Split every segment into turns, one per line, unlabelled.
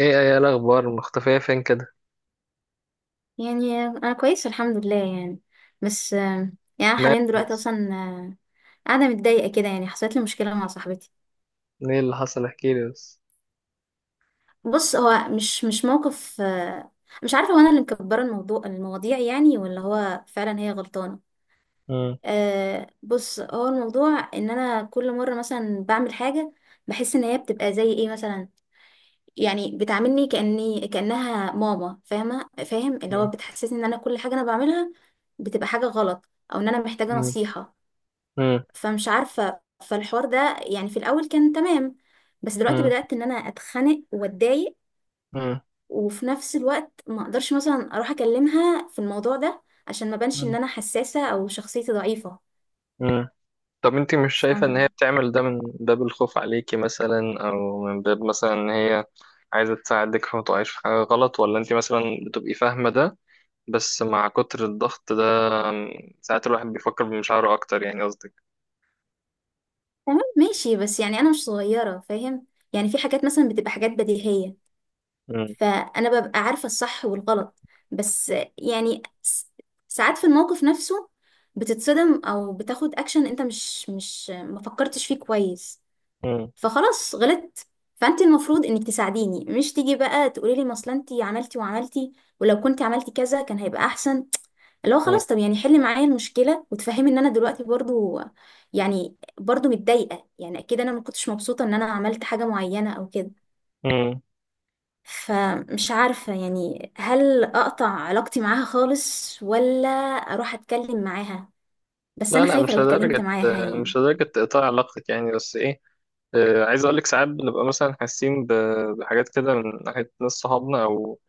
ايه ايه الاخبار مختفية فين كده؟
يعني انا كويس، الحمد لله، يعني. بس يعني أنا
مالك
حاليا دلوقتي
بس؟
اصلا قاعده متضايقه كده. يعني حصلت لي مشكله مع صاحبتي.
ايه اللي حصل؟ احكيلي بس.
بص، هو مش موقف. مش عارفه هو انا اللي مكبره الموضوع المواضيع يعني، ولا هو فعلا هي غلطانه؟
مم.
أه بص، هو الموضوع ان انا كل مره مثلا بعمل حاجه بحس ان هي بتبقى زي ايه مثلا، يعني بتعاملني كاني كانها ماما، فاهمه فاهم، اللي هو
مم.
بتحسسني ان انا كل حاجه انا بعملها بتبقى حاجه غلط، او ان انا محتاجه
مم.
نصيحه.
مم.
فمش عارفة، فالحوار ده يعني في الأول كان تمام، بس دلوقتي
مم.
بدأت إن أنا أتخنق وأتضايق،
مم.
وفي نفس الوقت ما أقدرش مثلا أروح أكلمها في الموضوع ده عشان ما بانش إن
مم.
أنا حساسة أو شخصيتي ضعيفة.
مم. طب انتي مش شايفة ان هي
فم-
بتعمل ده من باب الخوف عليكي مثلا، او من باب مثلا ان هي عايزة تساعدك فما تقعيش في حاجة غلط، ولا انتي مثلا بتبقي فاهمة ده؟ بس مع كتر الضغط ده ساعات الواحد بيفكر بمشاعره اكتر، يعني قصدك.
تمام ماشي، بس يعني أنا مش صغيرة، فاهم؟ يعني في حاجات مثلا بتبقى حاجات بديهية،
مم.
فأنا ببقى عارفة الصح والغلط، بس يعني ساعات في الموقف نفسه بتتصدم أو بتاخد أكشن أنت مش ما فكرتش فيه كويس،
مم.
فخلاص غلطت. فانت المفروض انك تساعديني، مش تيجي بقى تقولي لي ما اصل انت عملتي وعملتي، ولو كنت عملتي كذا كان هيبقى احسن. اللي هو
مم.
خلاص، طب يعني حلي معايا المشكله وتفهمي ان انا دلوقتي برضو، يعني برضو متضايقه، يعني اكيد انا ما كنتش مبسوطه ان انا عملت حاجه معينه او كده.
مم.
فمش عارفه يعني، هل اقطع علاقتي معاها خالص، ولا اروح اتكلم معاها؟ بس
لا
انا
لا،
خايفه
مش
لو اتكلمت
لدرجة،
معاها يعني.
مش لدرجة تقطع علاقتك يعني. بس ايه، عايز اقول لك ساعات بنبقى مثلا حاسين بحاجات كده من ناحيه ناس صحابنا او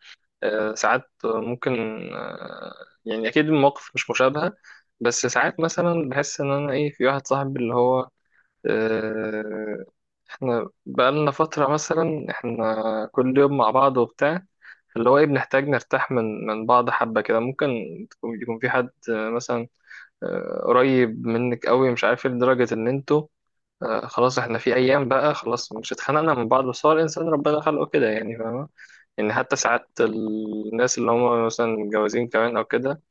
ساعات ممكن آه، يعني اكيد المواقف مش مشابهه. بس ساعات مثلا بحس ان انا ايه، في واحد صاحبي اللي هو آه، احنا بقالنا فتره مثلا، احنا كل يوم مع بعض وبتاع، اللي هو ايه، بنحتاج نرتاح من بعض حبة كده. ممكن يكون في حد مثلا قريب منك قوي مش عارف إيه، لدرجة ان انتوا خلاص احنا في ايام بقى خلاص مش اتخانقنا من بعض. بس هو الانسان ربنا خلقه كده يعني، فاهمة؟ ان حتى ساعات الناس اللي هم مثلا متجوزين كمان او كده،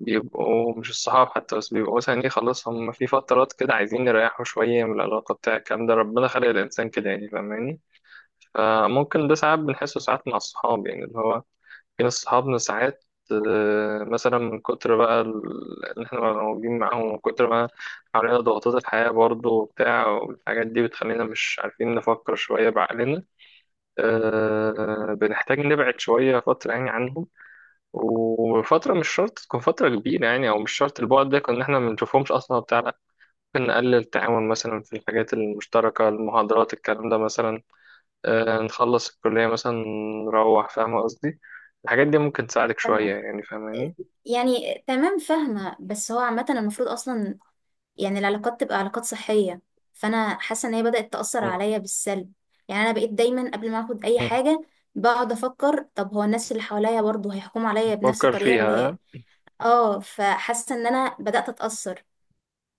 بيبقوا مش الصحاب حتى، بس بيبقوا مثلا ايه خلاص، هم في فترات كده عايزين يريحوا شوية من العلاقة بتاع الكلام ده. ربنا خلق الانسان كده يعني، فاهماني؟ فممكن ده ساعات بنحسه ساعات مع الصحاب يعني، اللي هو في ناس صحابنا ساعات مثلا من كتر بقى اللي احنا بنبقى موجودين معاهم، ومن كتر ما علينا ضغوطات الحياة برضه وبتاع والحاجات دي، بتخلينا مش عارفين نفكر شوية بعقلنا. بنحتاج نبعد شوية فترة يعني عنهم. وفترة مش شرط تكون فترة كبيرة يعني، أو مش شرط البعد ده كنا احنا ما بنشوفهمش أصلا وبتاع، لا، ممكن نقلل التعاون مثلا في الحاجات المشتركة، المحاضرات الكلام ده مثلا. نخلص الكلية مثلا، نروح، فاهم قصدي؟ الحاجات دي ممكن تساعدك
تمام،
شوية يعني، فاهماني؟
يعني تمام فاهمة، بس هو عامة المفروض أصلا يعني العلاقات تبقى علاقات صحية، فأنا حاسة إن هي بدأت تأثر
مم.
عليا بالسلب. يعني أنا بقيت دايما قبل ما أخد أي
مم.
حاجة بقعد أفكر، طب هو الناس اللي حواليا برضه هيحكموا عليا بنفس
فكر
الطريقة
فيها ها؟
اللي. آه، فحاسة إن أنا بدأت أتأثر،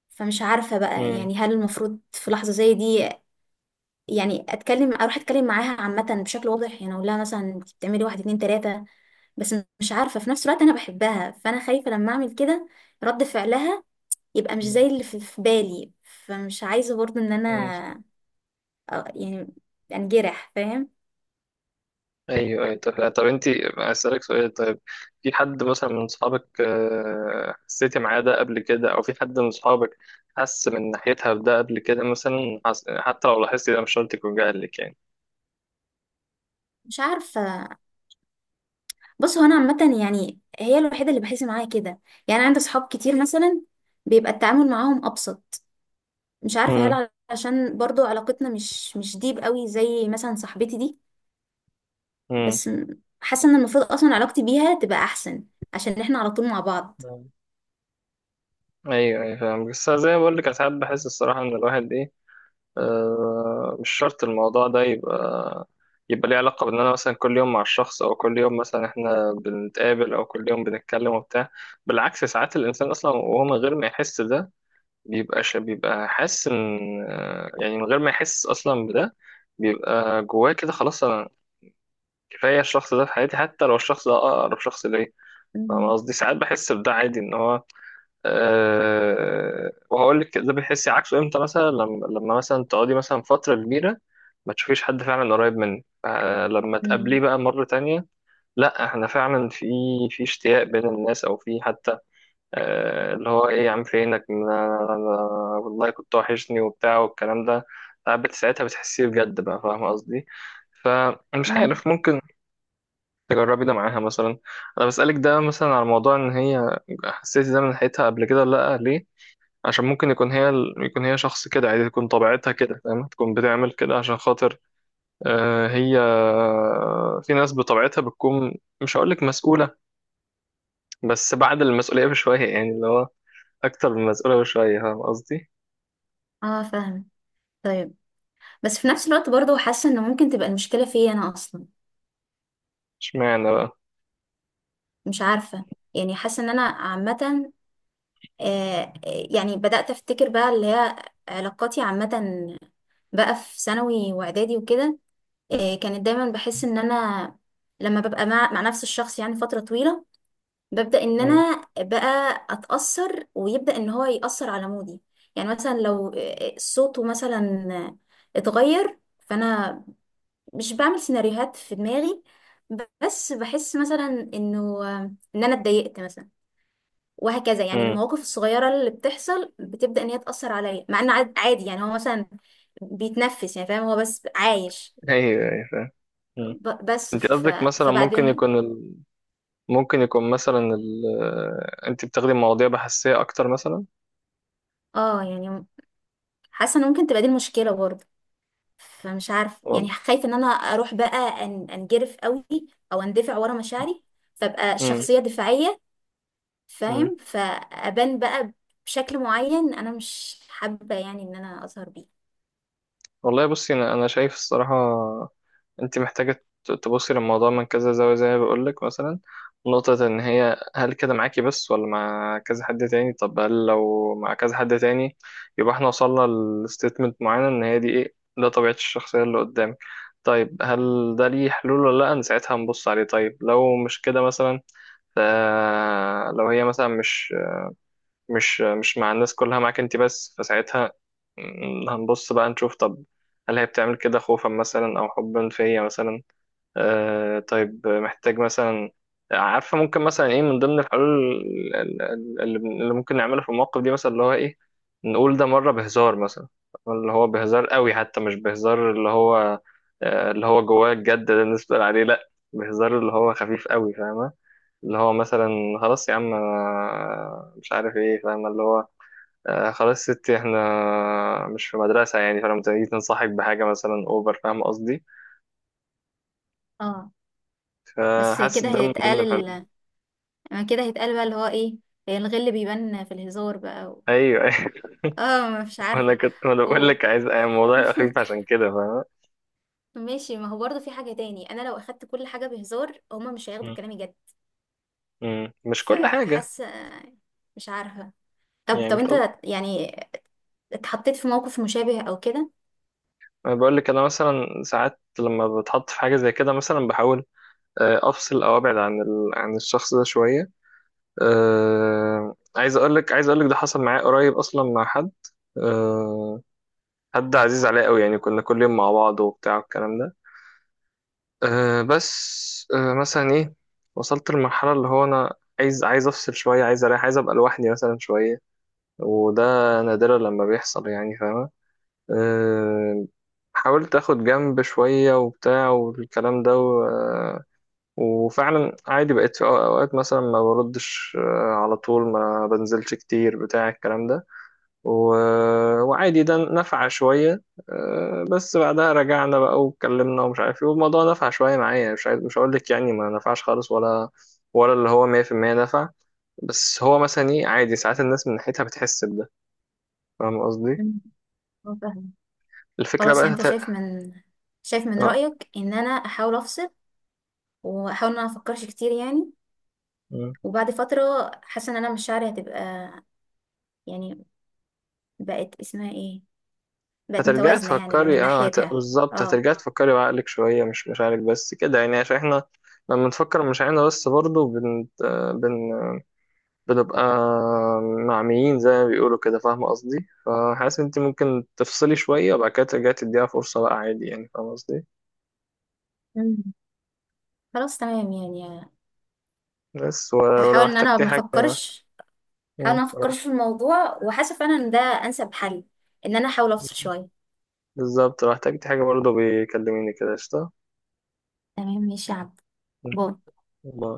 فمش عارفة بقى
مم.
يعني، هل المفروض في لحظة زي دي يعني أتكلم، أروح أتكلم معاها عامة بشكل واضح، يعني أقول لها مثلا أنت بتعملي واحد اتنين تلاتة، بس مش عارفة في نفس الوقت أنا بحبها، فأنا خايفة لما أعمل كده رد فعلها يبقى مش
مم.
زي اللي في بالي، فمش عايزة برضو ان
مم.
انا يعني انجرح، فاهم؟
ايوه ايوه. طب انت، اسألك سؤال؟ طيب، في حد مثلا من صحابك حسيتي معاه ده قبل كده، او في حد من صحابك حس من ناحيتها بده قبل كده مثلا؟ حتى لو لاحظتي ده مش شرط يكون جاهلك يعني.
مش عارفة. بص، هو انا عامة يعني هي الوحيدة اللي بحس معاها كده، يعني عندي صحاب كتير مثلا بيبقى التعامل معاهم ابسط، مش عارفة
مم.
هل عشان برضو علاقتنا مش ديب قوي زي مثلا صاحبتي دي،
مم.
بس حاسة ان المفروض اصلا علاقتي بيها تبقى احسن عشان احنا على طول مع بعض.
ايوه ايوه فاهم. بس زي ما بقول لك ساعات بحس الصراحة ان الواحد ايه، مش شرط الموضوع ده يبقى، يبقى ليه علاقة بإن أنا مثلا كل يوم مع الشخص، أو كل يوم مثلا إحنا بنتقابل، أو كل يوم بنتكلم وبتاع. بالعكس ساعات الإنسان أصلا، وهو من غير ما يحس ده، بيبقى بيبقى حاسس إن يعني من غير ما يحس أصلا بده، بيبقى جواه كده خلاص، أنا كفاية الشخص ده في حياتي، حتى لو الشخص ده أقرب شخص ليا. فاهم
مم.
قصدي؟ ساعات بحس بده عادي إن هو. أه وهقول لك ده بتحسي عكسه امتى، مثلا لما مثلا تقعدي مثلا فترة كبيرة ما تشوفيش حد فعلا قريب منك. أه لما تقابليه
مم.
بقى مرة تانية، لا احنا فعلا في في اشتياق بين الناس، او في حتى أه اللي هو ايه، يا عم فينك، أنا والله كنت وحشني وبتاع والكلام ده. قعدت ساعتها بتحسيه بجد بقى، فاهمة قصدي؟ فمش
مم.
عارف، ممكن تجربي ده معاها مثلا. انا بسألك ده مثلا على موضوع ان هي حسيتي ده من ناحيتها قبل كده ولا لا، ليه؟ عشان ممكن يكون هي، يكون هي شخص كده عادي، تكون طبيعتها كده فاهم، تكون بتعمل كده عشان خاطر هي، في ناس بطبيعتها بتكون، مش هقول لك مسؤولة، بس بعد المسؤولية بشوية يعني، اللي هو أكتر من مسؤولة بشوية. فاهم قصدي؟
اه، فاهمة. طيب، بس في نفس الوقت برضو حاسة ان ممكن تبقى المشكلة فيا انا اصلا.
اشمعنى بقى؟
مش عارفة، يعني حاسة ان انا عامة، آه، يعني بدأت افتكر بقى اللي هي علاقاتي عامة بقى في ثانوي واعدادي وكده، كانت دايما بحس ان انا لما ببقى مع نفس الشخص يعني فترة طويلة ببدأ ان
مم.
انا بقى اتأثر، ويبدأ ان هو يأثر على مودي. يعني مثلا لو صوته مثلا اتغير، فانا مش بعمل سيناريوهات في دماغي، بس بحس مثلا انه ان انا اتضايقت مثلا، وهكذا. يعني
مم.
المواقف الصغيرة اللي بتحصل بتبدأ ان هي تأثر عليا، مع ان عادي يعني هو مثلا بيتنفس يعني، فاهم؟ هو بس عايش.
أيوه أيوه فاهم. مم.
بس
أنت قصدك مثلا ممكن
فبعدين،
يكون ال... ممكن يكون مثلا ال... أنت بتاخدي مواضيع بحثية أكتر مثلا؟
اه يعني حاسة ان ممكن تبقى دي المشكلة برضه. فمش عارفة
والله.
يعني، خايفة ان انا اروح بقى انجرف قوي، او اندفع ورا مشاعري، فابقى
مم.
شخصية دفاعية،
مم.
فاهم؟ فابان بقى بشكل معين انا مش حابة يعني ان انا اظهر بيه.
والله بصي، أنا أنا شايف الصراحة انت محتاجة تبصي للموضوع من كذا زاوية. زي ما بقولك مثلا، نقطة ان هي هل كده معاكي بس، ولا مع كذا حد تاني؟ طب هل لو مع كذا حد تاني، يبقى احنا وصلنا لستيتمنت معينة ان هي دي ايه، ده طبيعة الشخصية اللي قدامك. طيب هل ده ليه حلول ولا لا؟ انا ساعتها هنبص عليه. طيب لو مش كده مثلا، ف- لو هي مثلا مش مش مع الناس كلها معاك انت بس، فساعتها هنبص بقى نشوف، طب هل هي بتعمل كده خوفا مثلا، او حبا فيا مثلا؟ آه طيب، محتاج مثلا، عارفة ممكن مثلا ايه من ضمن الحلول اللي ممكن نعملها في المواقف دي مثلا، اللي هو ايه، نقول ده مرة بهزار مثلا. اللي هو بهزار قوي حتى، مش بهزار اللي هو آه اللي هو جواه الجد ده، الناس بتقول عليه لا، بهزار اللي هو خفيف قوي، فاهمة؟ اللي هو مثلا خلاص يا عم أنا مش عارف ايه، فاهمة اللي هو آه خلاص ستي احنا مش في مدرسة يعني. فلما تيجي تنصحك بحاجة مثلا اوفر، فاهمة قصدي؟
اه، بس
فحاسس
كده
ده من ضمن
هيتقال،
الحلول.
يعني كده هيتقال بقى اللي هو ايه، هي الغل بيبان في الهزار بقى.
ايوه ايوه.
اه مش
انا
عارفة.
كنت، ما أنا بقول
و...
لك عايز يعني الموضوع يبقى خفيف عشان كده، فاهم؟
ماشي، ما هو برضه في حاجة تاني، انا لو اخدت كل حاجة بهزار هما مش هياخدوا
م.
كلامي جد،
م. مش كل حاجه
فحاسة، مش عارفة. طب
يعني،
طب
مش
انت
قصد...
يعني اتحطيت في موقف مشابه او كده؟
انا بقول لك انا مثلا ساعات لما بتحط في حاجه زي كده مثلا، بحاول افصل او ابعد عن ال... عن الشخص ده شويه. عايز اقول لك، عايز اقول لك ده حصل معايا قريب اصلا، مع حد آه، حد عزيز عليا قوي يعني، كنا كل يوم مع بعض وبتاع والكلام ده. بس مثلا ايه، وصلت للمرحله اللي هو انا عايز افصل شويه، عايز اريح، عايز ابقى لوحدي مثلا شويه. وده نادرا لما بيحصل يعني، فاهمة؟ أه، حاولت اخد جنب شوية وبتاع والكلام ده وفعلا عادي بقيت في اوقات مثلا ما بردش على طول، ما بنزلش كتير بتاع الكلام ده. وعادي ده نفع شوية. بس بعدها رجعنا بقى واتكلمنا ومش عارف ايه، والموضوع نفع شوية معايا. مش عايز، مش هقول لك يعني ما نفعش خالص، ولا ولا اللي هو 100% نفع. بس هو مثلا ايه، عادي ساعات الناس من ناحيتها بتحس بده، فاهم قصدي؟
مم. اه فاهمة.
الفكرة
خلاص
بقى
يعني، انت شايف من
آه.
رأيك ان انا احاول افصل، واحاول ان انا افكرش كتير يعني،
مم.
وبعد فترة حاسة ان انا مشاعري هتبقى، يعني بقت اسمها ايه، بقت
هترجعي
متوازنة يعني من
تفكري، اه
ناحيتها.
بالظبط،
اه.
هترجعي تفكري بعقلك شوية مش مشاعرك بس كده يعني. عشان احنا لما نفكر بمشاعرنا بس برضه بن... بنبقى معميين زي ما بيقولوا كده، فاهمة قصدي؟ فحاسس انت ممكن تفصلي شوية، وبعد كده ترجعي تديها فرصة بقى عادي يعني، فاهمة قصدي؟
مم. خلاص تمام يعني.
بس و... ولو
هحاول ان انا
احتجتي
ما
حاجة.
افكرش هحاول ان
مم.
انا ما
ولو
افكرش في الموضوع، وحاسه فعلا ان ده انسب حل، ان انا احاول افصل
احتجتي-
شويه.
بالظبط لو احتجتي حاجة برضه بيكلميني كده، قشطة.
تمام ماشي يا عبد.
مم.
باي.
باي.